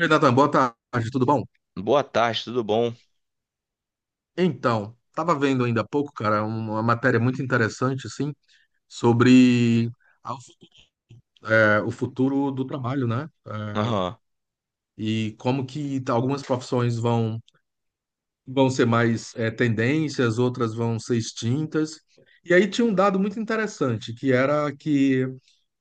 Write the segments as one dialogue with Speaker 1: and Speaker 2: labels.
Speaker 1: Oi, Natan, boa tarde, tudo bom?
Speaker 2: Boa tarde, tudo bom?
Speaker 1: Então, estava vendo ainda há pouco, cara, uma matéria muito interessante, assim, sobre a- o futuro do trabalho, né?
Speaker 2: Aham.
Speaker 1: E como que algumas profissões vão ser mais tendências, outras vão ser extintas. E aí tinha um dado muito interessante, que era que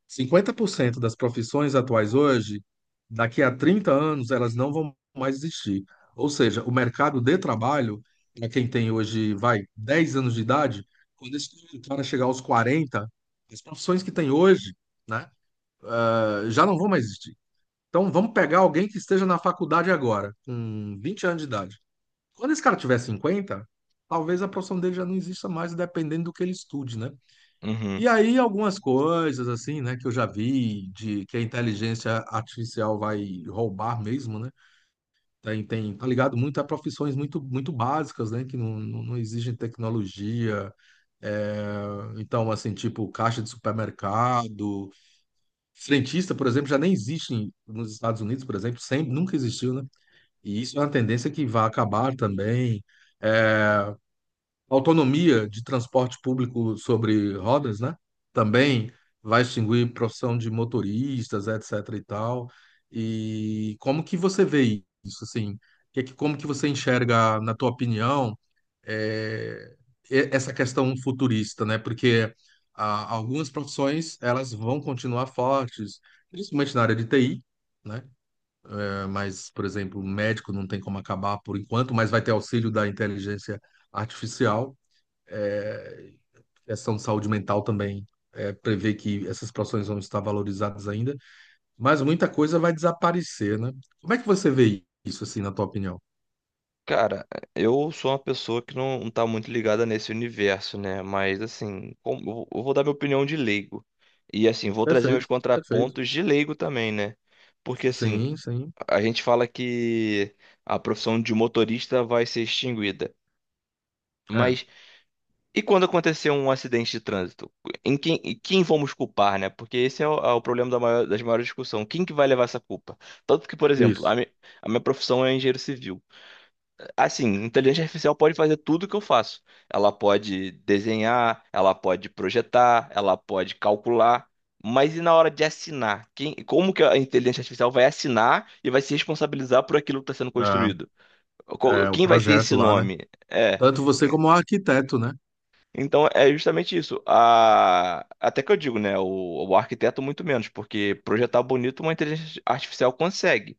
Speaker 1: 50% das profissões atuais hoje, daqui a 30 anos, elas não vão mais existir. Ou seja, o mercado de trabalho, para quem tem hoje, vai, 10 anos de idade, quando esse cara chegar aos 40, as profissões que tem hoje, né, já não vão mais existir. Então, vamos pegar alguém que esteja na faculdade agora, com 20 anos de idade. Quando esse cara tiver 50, talvez a profissão dele já não exista mais, dependendo do que ele estude, né?
Speaker 2: Uhum.
Speaker 1: E aí algumas coisas assim, né, que eu já vi de que a inteligência artificial vai roubar mesmo, né? Tem, tá ligado muito a profissões muito, muito básicas, né, que não exigem tecnologia. É, então, assim, tipo caixa de supermercado, frentista, por exemplo, já nem existe nos Estados Unidos, por exemplo, sempre, nunca existiu, né? E isso é uma tendência que vai acabar também. eh, Autonomia de transporte público sobre rodas, né? Também vai extinguir profissão de motoristas, etc. e tal. E como que você vê isso, assim? Como que você enxerga, na tua opinião, é, essa questão futurista, né? Porque algumas profissões elas vão continuar fortes, principalmente na área de TI, né? Mas, por exemplo, médico não tem como acabar por enquanto, mas vai ter auxílio da inteligência artificial. É, Questão de saúde mental também prevê que essas profissões vão estar valorizadas ainda, mas muita coisa vai desaparecer, né? Como é que você vê isso, assim, na tua opinião?
Speaker 2: Cara, eu sou uma pessoa que não, não tá muito ligada nesse universo, né? Mas assim, eu vou dar minha opinião de leigo. E assim, vou trazer meus
Speaker 1: Perfeito, perfeito.
Speaker 2: contrapontos de leigo também, né? Porque assim,
Speaker 1: Sim, sim.
Speaker 2: a gente fala que a profissão de motorista vai ser extinguida.
Speaker 1: É,
Speaker 2: Mas. E quando aconteceu um acidente de trânsito, em quem vamos culpar, né? Porque esse é o problema das maiores discussões. Quem que vai levar essa culpa? Tanto que, por exemplo, a,
Speaker 1: isso.
Speaker 2: mi- a minha profissão é engenheiro civil. Assim, inteligência artificial pode fazer tudo o que eu faço. Ela pode desenhar, ela pode projetar, ela pode calcular. Mas e na hora de assinar? Quem, como que a inteligência artificial vai assinar e vai se responsabilizar por aquilo que está sendo
Speaker 1: É,
Speaker 2: construído?
Speaker 1: é, o
Speaker 2: Quem vai ter
Speaker 1: projeto
Speaker 2: esse
Speaker 1: lá, né?
Speaker 2: nome? É.
Speaker 1: Tanto você como o arquiteto, né?
Speaker 2: Então é justamente isso. Até que eu digo, né? O arquiteto, muito menos, porque projetar bonito uma inteligência artificial consegue.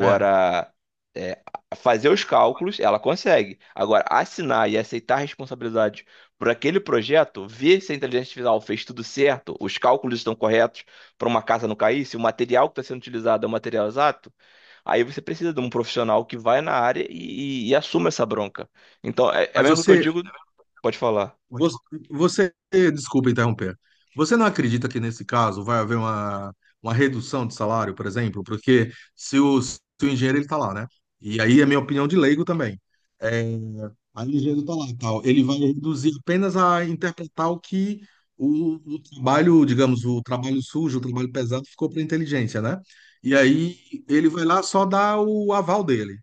Speaker 1: É.
Speaker 2: é, fazer os cálculos, ela consegue. Agora, assinar e aceitar a responsabilidade por aquele projeto, ver se a inteligência artificial fez tudo certo, os cálculos estão corretos para uma casa não cair, se o material que está sendo utilizado é o material exato, aí você precisa de um profissional que vai na área e assuma essa bronca. Então, é
Speaker 1: Mas
Speaker 2: mesmo que eu
Speaker 1: você,
Speaker 2: digo, pode falar.
Speaker 1: Vo- você, desculpa interromper. Você não acredita que nesse caso vai haver uma redução de salário, por exemplo? Porque se o engenheiro ele está lá, né? E aí é minha opinião de leigo também. É, Aí o engenheiro está lá e tal. Ele vai reduzir apenas a interpretar o que o trabalho, digamos, o trabalho sujo, o trabalho pesado ficou para inteligência, né? E aí ele vai lá só dar o aval dele.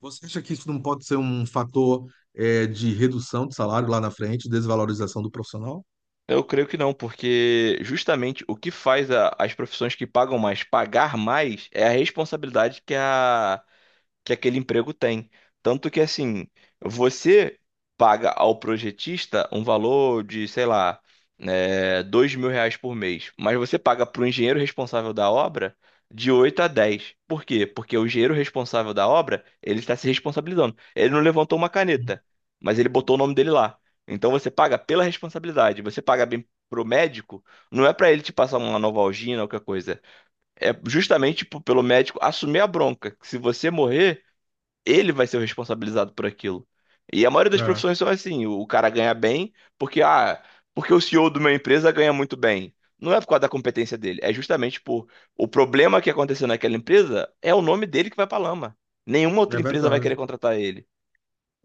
Speaker 1: Você acha que isso não pode ser um fator de redução de salário lá na frente, desvalorização do profissional?
Speaker 2: Eu creio que não, porque justamente o que faz a- as profissões que pagam mais pagar mais é a responsabilidade que a, que aquele emprego tem. Tanto que, assim, você paga ao projetista um valor de, sei lá, 2.000 reais por mês, mas você paga para o engenheiro responsável da obra de 8 a 10. Por quê? Porque o engenheiro responsável da obra, ele está se responsabilizando. Ele não levantou uma caneta, mas ele botou o nome dele lá. Então você paga pela responsabilidade, você paga bem pro médico, não é para ele te passar uma Novalgina ou qualquer coisa. É justamente tipo, pelo médico assumir a bronca. Que Se você morrer, ele vai ser o responsabilizado por aquilo. E a maioria das
Speaker 1: É,
Speaker 2: profissões são assim, o cara ganha bem porque porque o CEO de uma empresa ganha muito bem. Não é por causa da competência dele, é justamente por o problema que aconteceu naquela empresa é o nome dele que vai pra lama. Nenhuma outra
Speaker 1: é
Speaker 2: empresa vai
Speaker 1: verdade.
Speaker 2: querer contratar ele.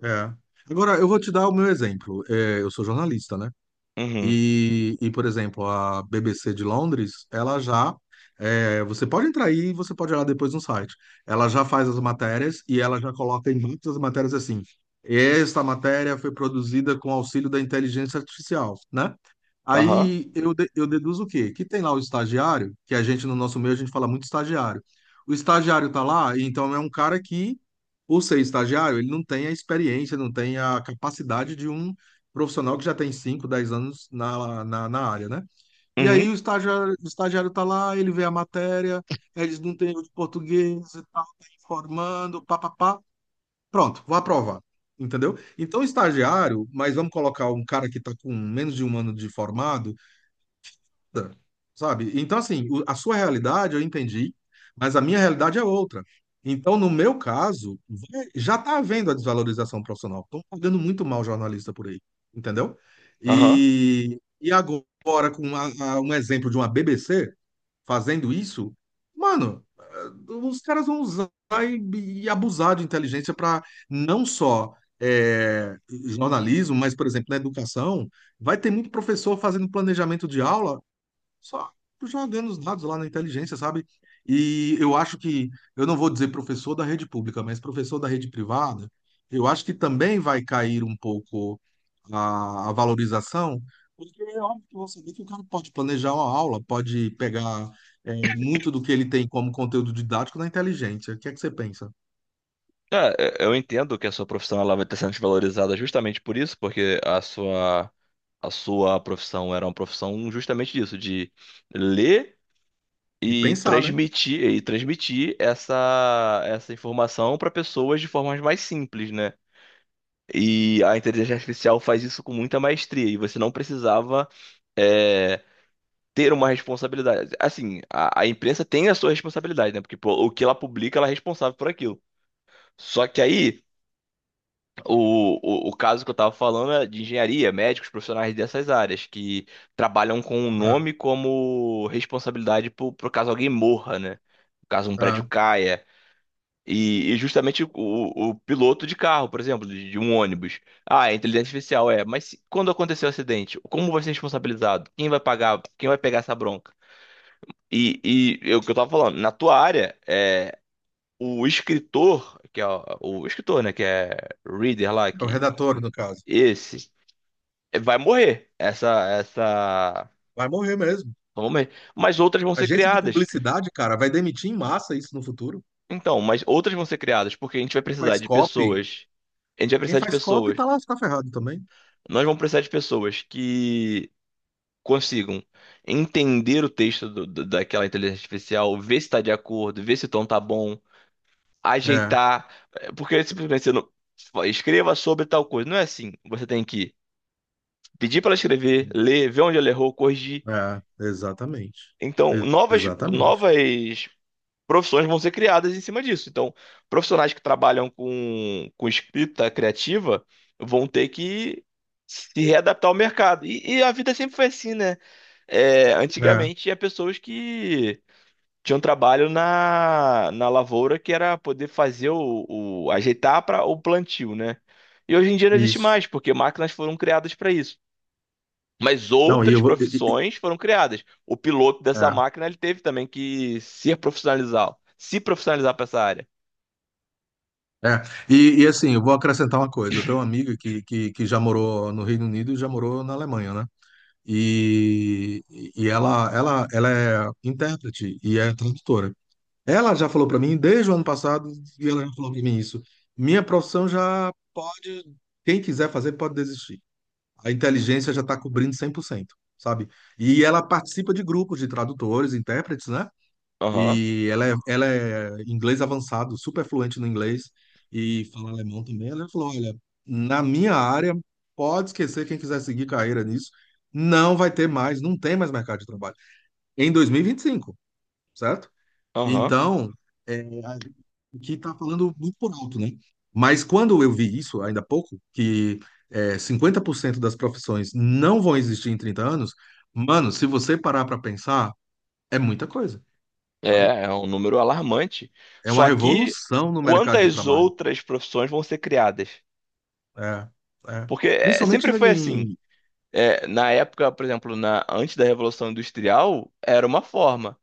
Speaker 1: É. Agora, eu vou te dar o meu exemplo. Eu sou jornalista, né?
Speaker 2: Uhum.
Speaker 1: E, por exemplo, a BBC de Londres, ela já. Você pode entrar aí e você pode olhar depois no site. Ela já faz as matérias e ela já coloca em muitas matérias assim. Esta matéria foi produzida com auxílio da inteligência artificial, né?
Speaker 2: Aham.
Speaker 1: Aí eu deduzo o quê? Que tem lá o estagiário, que a gente no nosso meio a gente fala muito estagiário. O estagiário tá lá, e então é um cara que, por ser estagiário, ele não tem a experiência, não tem a capacidade de um profissional que já tem 5 10 anos na área, né? E aí
Speaker 2: Uhum.
Speaker 1: o estagiário tá lá, ele vê a matéria, eles não têm de português e tal, tá informando, papapá. Pronto, vou aprovar. Entendeu? Então, estagiário, mas vamos colocar um cara que está com menos de 1 ano de formado, nada, sabe? Então, assim, a sua realidade eu entendi, mas a minha realidade é outra. Então, no meu caso, já está havendo a desvalorização profissional. Estão pagando muito mal jornalista por aí, entendeu?
Speaker 2: Aham.
Speaker 1: E agora, com um exemplo de uma BBC fazendo isso, mano, os caras vão usar e abusar de inteligência para não só eh, jornalismo, mas, por exemplo, na educação. Vai ter muito professor fazendo planejamento de aula só jogando os dados lá na inteligência, sabe? E eu acho que, eu não vou dizer professor da rede pública, mas professor da rede privada, eu acho que também vai cair um pouco a valorização, porque é óbvio que você vê que o cara pode planejar uma aula, pode pegar muito do que ele tem como conteúdo didático na inteligência. O que é que você pensa?
Speaker 2: É, eu entendo que a sua profissão ela vai estar sendo desvalorizada justamente por isso, porque a sua profissão era uma profissão justamente disso, de ler
Speaker 1: E
Speaker 2: e
Speaker 1: pensar, né?
Speaker 2: transmitir e transmitir essa essa informação para pessoas de formas mais simples, né? E a inteligência artificial faz isso com muita maestria e você não precisava é, ter uma responsabilidade. Assim, a imprensa tem a sua responsabilidade, né? Porque pô, o que ela publica, ela é responsável por aquilo. Só que aí, o, o caso que eu estava falando é de engenharia, médicos, profissionais dessas áreas, que trabalham com o
Speaker 1: É,
Speaker 2: nome como responsabilidade por caso alguém morra, né? Caso um prédio
Speaker 1: é,
Speaker 2: caia. E justamente o piloto de carro, por exemplo, de um ônibus. Ah, é inteligência artificial, é. Mas se- quando aconteceu o acidente, como vai ser responsabilizado? Quem vai pagar? Quem vai pegar essa bronca? E é o que eu tava falando, na tua área, o escritor, que é o escritor, né, que é reader lá,
Speaker 1: é o
Speaker 2: que
Speaker 1: redator, no caso.
Speaker 2: esse vai morrer.
Speaker 1: Vai morrer mesmo.
Speaker 2: Vão morrer. Mas outras vão ser
Speaker 1: Agência de
Speaker 2: criadas.
Speaker 1: publicidade, cara, vai demitir em massa isso no futuro.
Speaker 2: Então, mas outras vão ser criadas, porque a gente vai
Speaker 1: Não
Speaker 2: precisar
Speaker 1: faz
Speaker 2: de
Speaker 1: copy,
Speaker 2: pessoas. A gente vai
Speaker 1: quem
Speaker 2: precisar de
Speaker 1: faz cópia
Speaker 2: pessoas.
Speaker 1: tá lá, tá ferrado também.
Speaker 2: Nós vamos precisar de pessoas que consigam entender o texto daquela inteligência artificial, ver se está de acordo, ver se o tom tá bom,
Speaker 1: É,
Speaker 2: ajeitar, porque simplesmente você não fala, escreva sobre tal coisa. Não é assim. Você tem que pedir para ela escrever, ler, ver onde ela errou, corrigir.
Speaker 1: é, exatamente.
Speaker 2: Então, novas,
Speaker 1: Exatamente.
Speaker 2: novas profissões vão ser criadas em cima disso. Então, profissionais que trabalham com escrita criativa vão ter que se readaptar ao mercado. E a vida sempre foi assim, né? É,
Speaker 1: É,
Speaker 2: antigamente tinha pessoas que tinham trabalho na lavoura que era poder fazer o, ajeitar para o plantio, né? E hoje em dia não existe
Speaker 1: isso.
Speaker 2: mais, porque máquinas foram criadas para isso. Mas
Speaker 1: Não, e
Speaker 2: outras
Speaker 1: eu vou.
Speaker 2: profissões foram criadas. O piloto dessa
Speaker 1: É,
Speaker 2: máquina ele teve também que se profissionalizar para essa área.
Speaker 1: é. E, assim, eu vou acrescentar uma coisa. Eu tenho uma amiga que já morou no Reino Unido e já morou na Alemanha, né? E, e ela é intérprete e é tradutora. Ela já falou para mim desde o ano passado, e ela já falou para mim isso. Minha profissão já pode, quem quiser fazer, pode desistir. A inteligência já está cobrindo 100%, sabe? E ela participa de grupos de tradutores, intérpretes, né?
Speaker 2: Aham,
Speaker 1: E ela é inglês avançado, super fluente no inglês e fala alemão também. Ela falou: olha, na minha área, pode esquecer quem quiser seguir carreira nisso, não vai ter mais, não tem mais mercado de trabalho. Em 2025, certo?
Speaker 2: aham.
Speaker 1: Então, é, a gente aqui está falando muito por alto, né? Mas quando eu vi isso, ainda há pouco, que 50% das profissões não vão existir em 30 anos, mano, se você parar para pensar, é muita coisa, sabe?
Speaker 2: É é um número alarmante.
Speaker 1: É uma
Speaker 2: Só que
Speaker 1: revolução no mercado de
Speaker 2: quantas
Speaker 1: trabalho.
Speaker 2: outras profissões vão ser criadas?
Speaker 1: É, é.
Speaker 2: Porque
Speaker 1: Principalmente
Speaker 2: sempre foi assim.
Speaker 1: em...
Speaker 2: É, na época, por exemplo, na, antes da Revolução Industrial, era uma forma.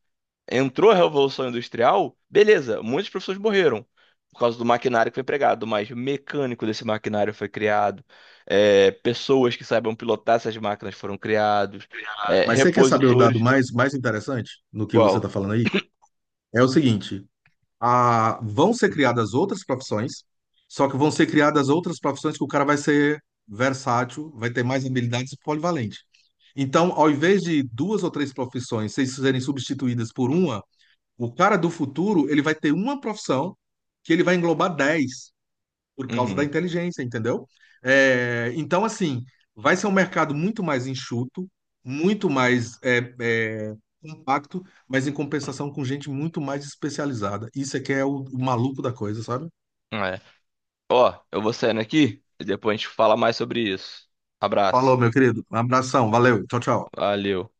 Speaker 2: Entrou a Revolução Industrial, beleza, muitas pessoas morreram por causa do maquinário que foi empregado, mas mecânico desse maquinário foi criado, pessoas que saibam pilotar essas máquinas foram criados,
Speaker 1: Mas você quer saber o dado
Speaker 2: repositores.
Speaker 1: mais, mais interessante no que você
Speaker 2: Qual?
Speaker 1: está falando aí? É o seguinte, vão ser criadas outras profissões, só que vão ser criadas outras profissões que o cara vai ser versátil, vai ter mais habilidades e polivalente. Então, ao invés de duas ou três profissões serem substituídas por uma, o cara do futuro, ele vai ter uma profissão que ele vai englobar 10 por causa da
Speaker 2: Uhum,
Speaker 1: inteligência, entendeu? Então, assim, vai ser um mercado muito mais enxuto, muito mais compacto, mas em compensação com gente muito mais especializada. Isso é que é o maluco da coisa, sabe?
Speaker 2: é. Ó, eu vou saindo aqui e depois a gente fala mais sobre isso.
Speaker 1: Falou,
Speaker 2: Abraço.
Speaker 1: meu querido. Um abração, valeu, tchau, tchau.
Speaker 2: Valeu.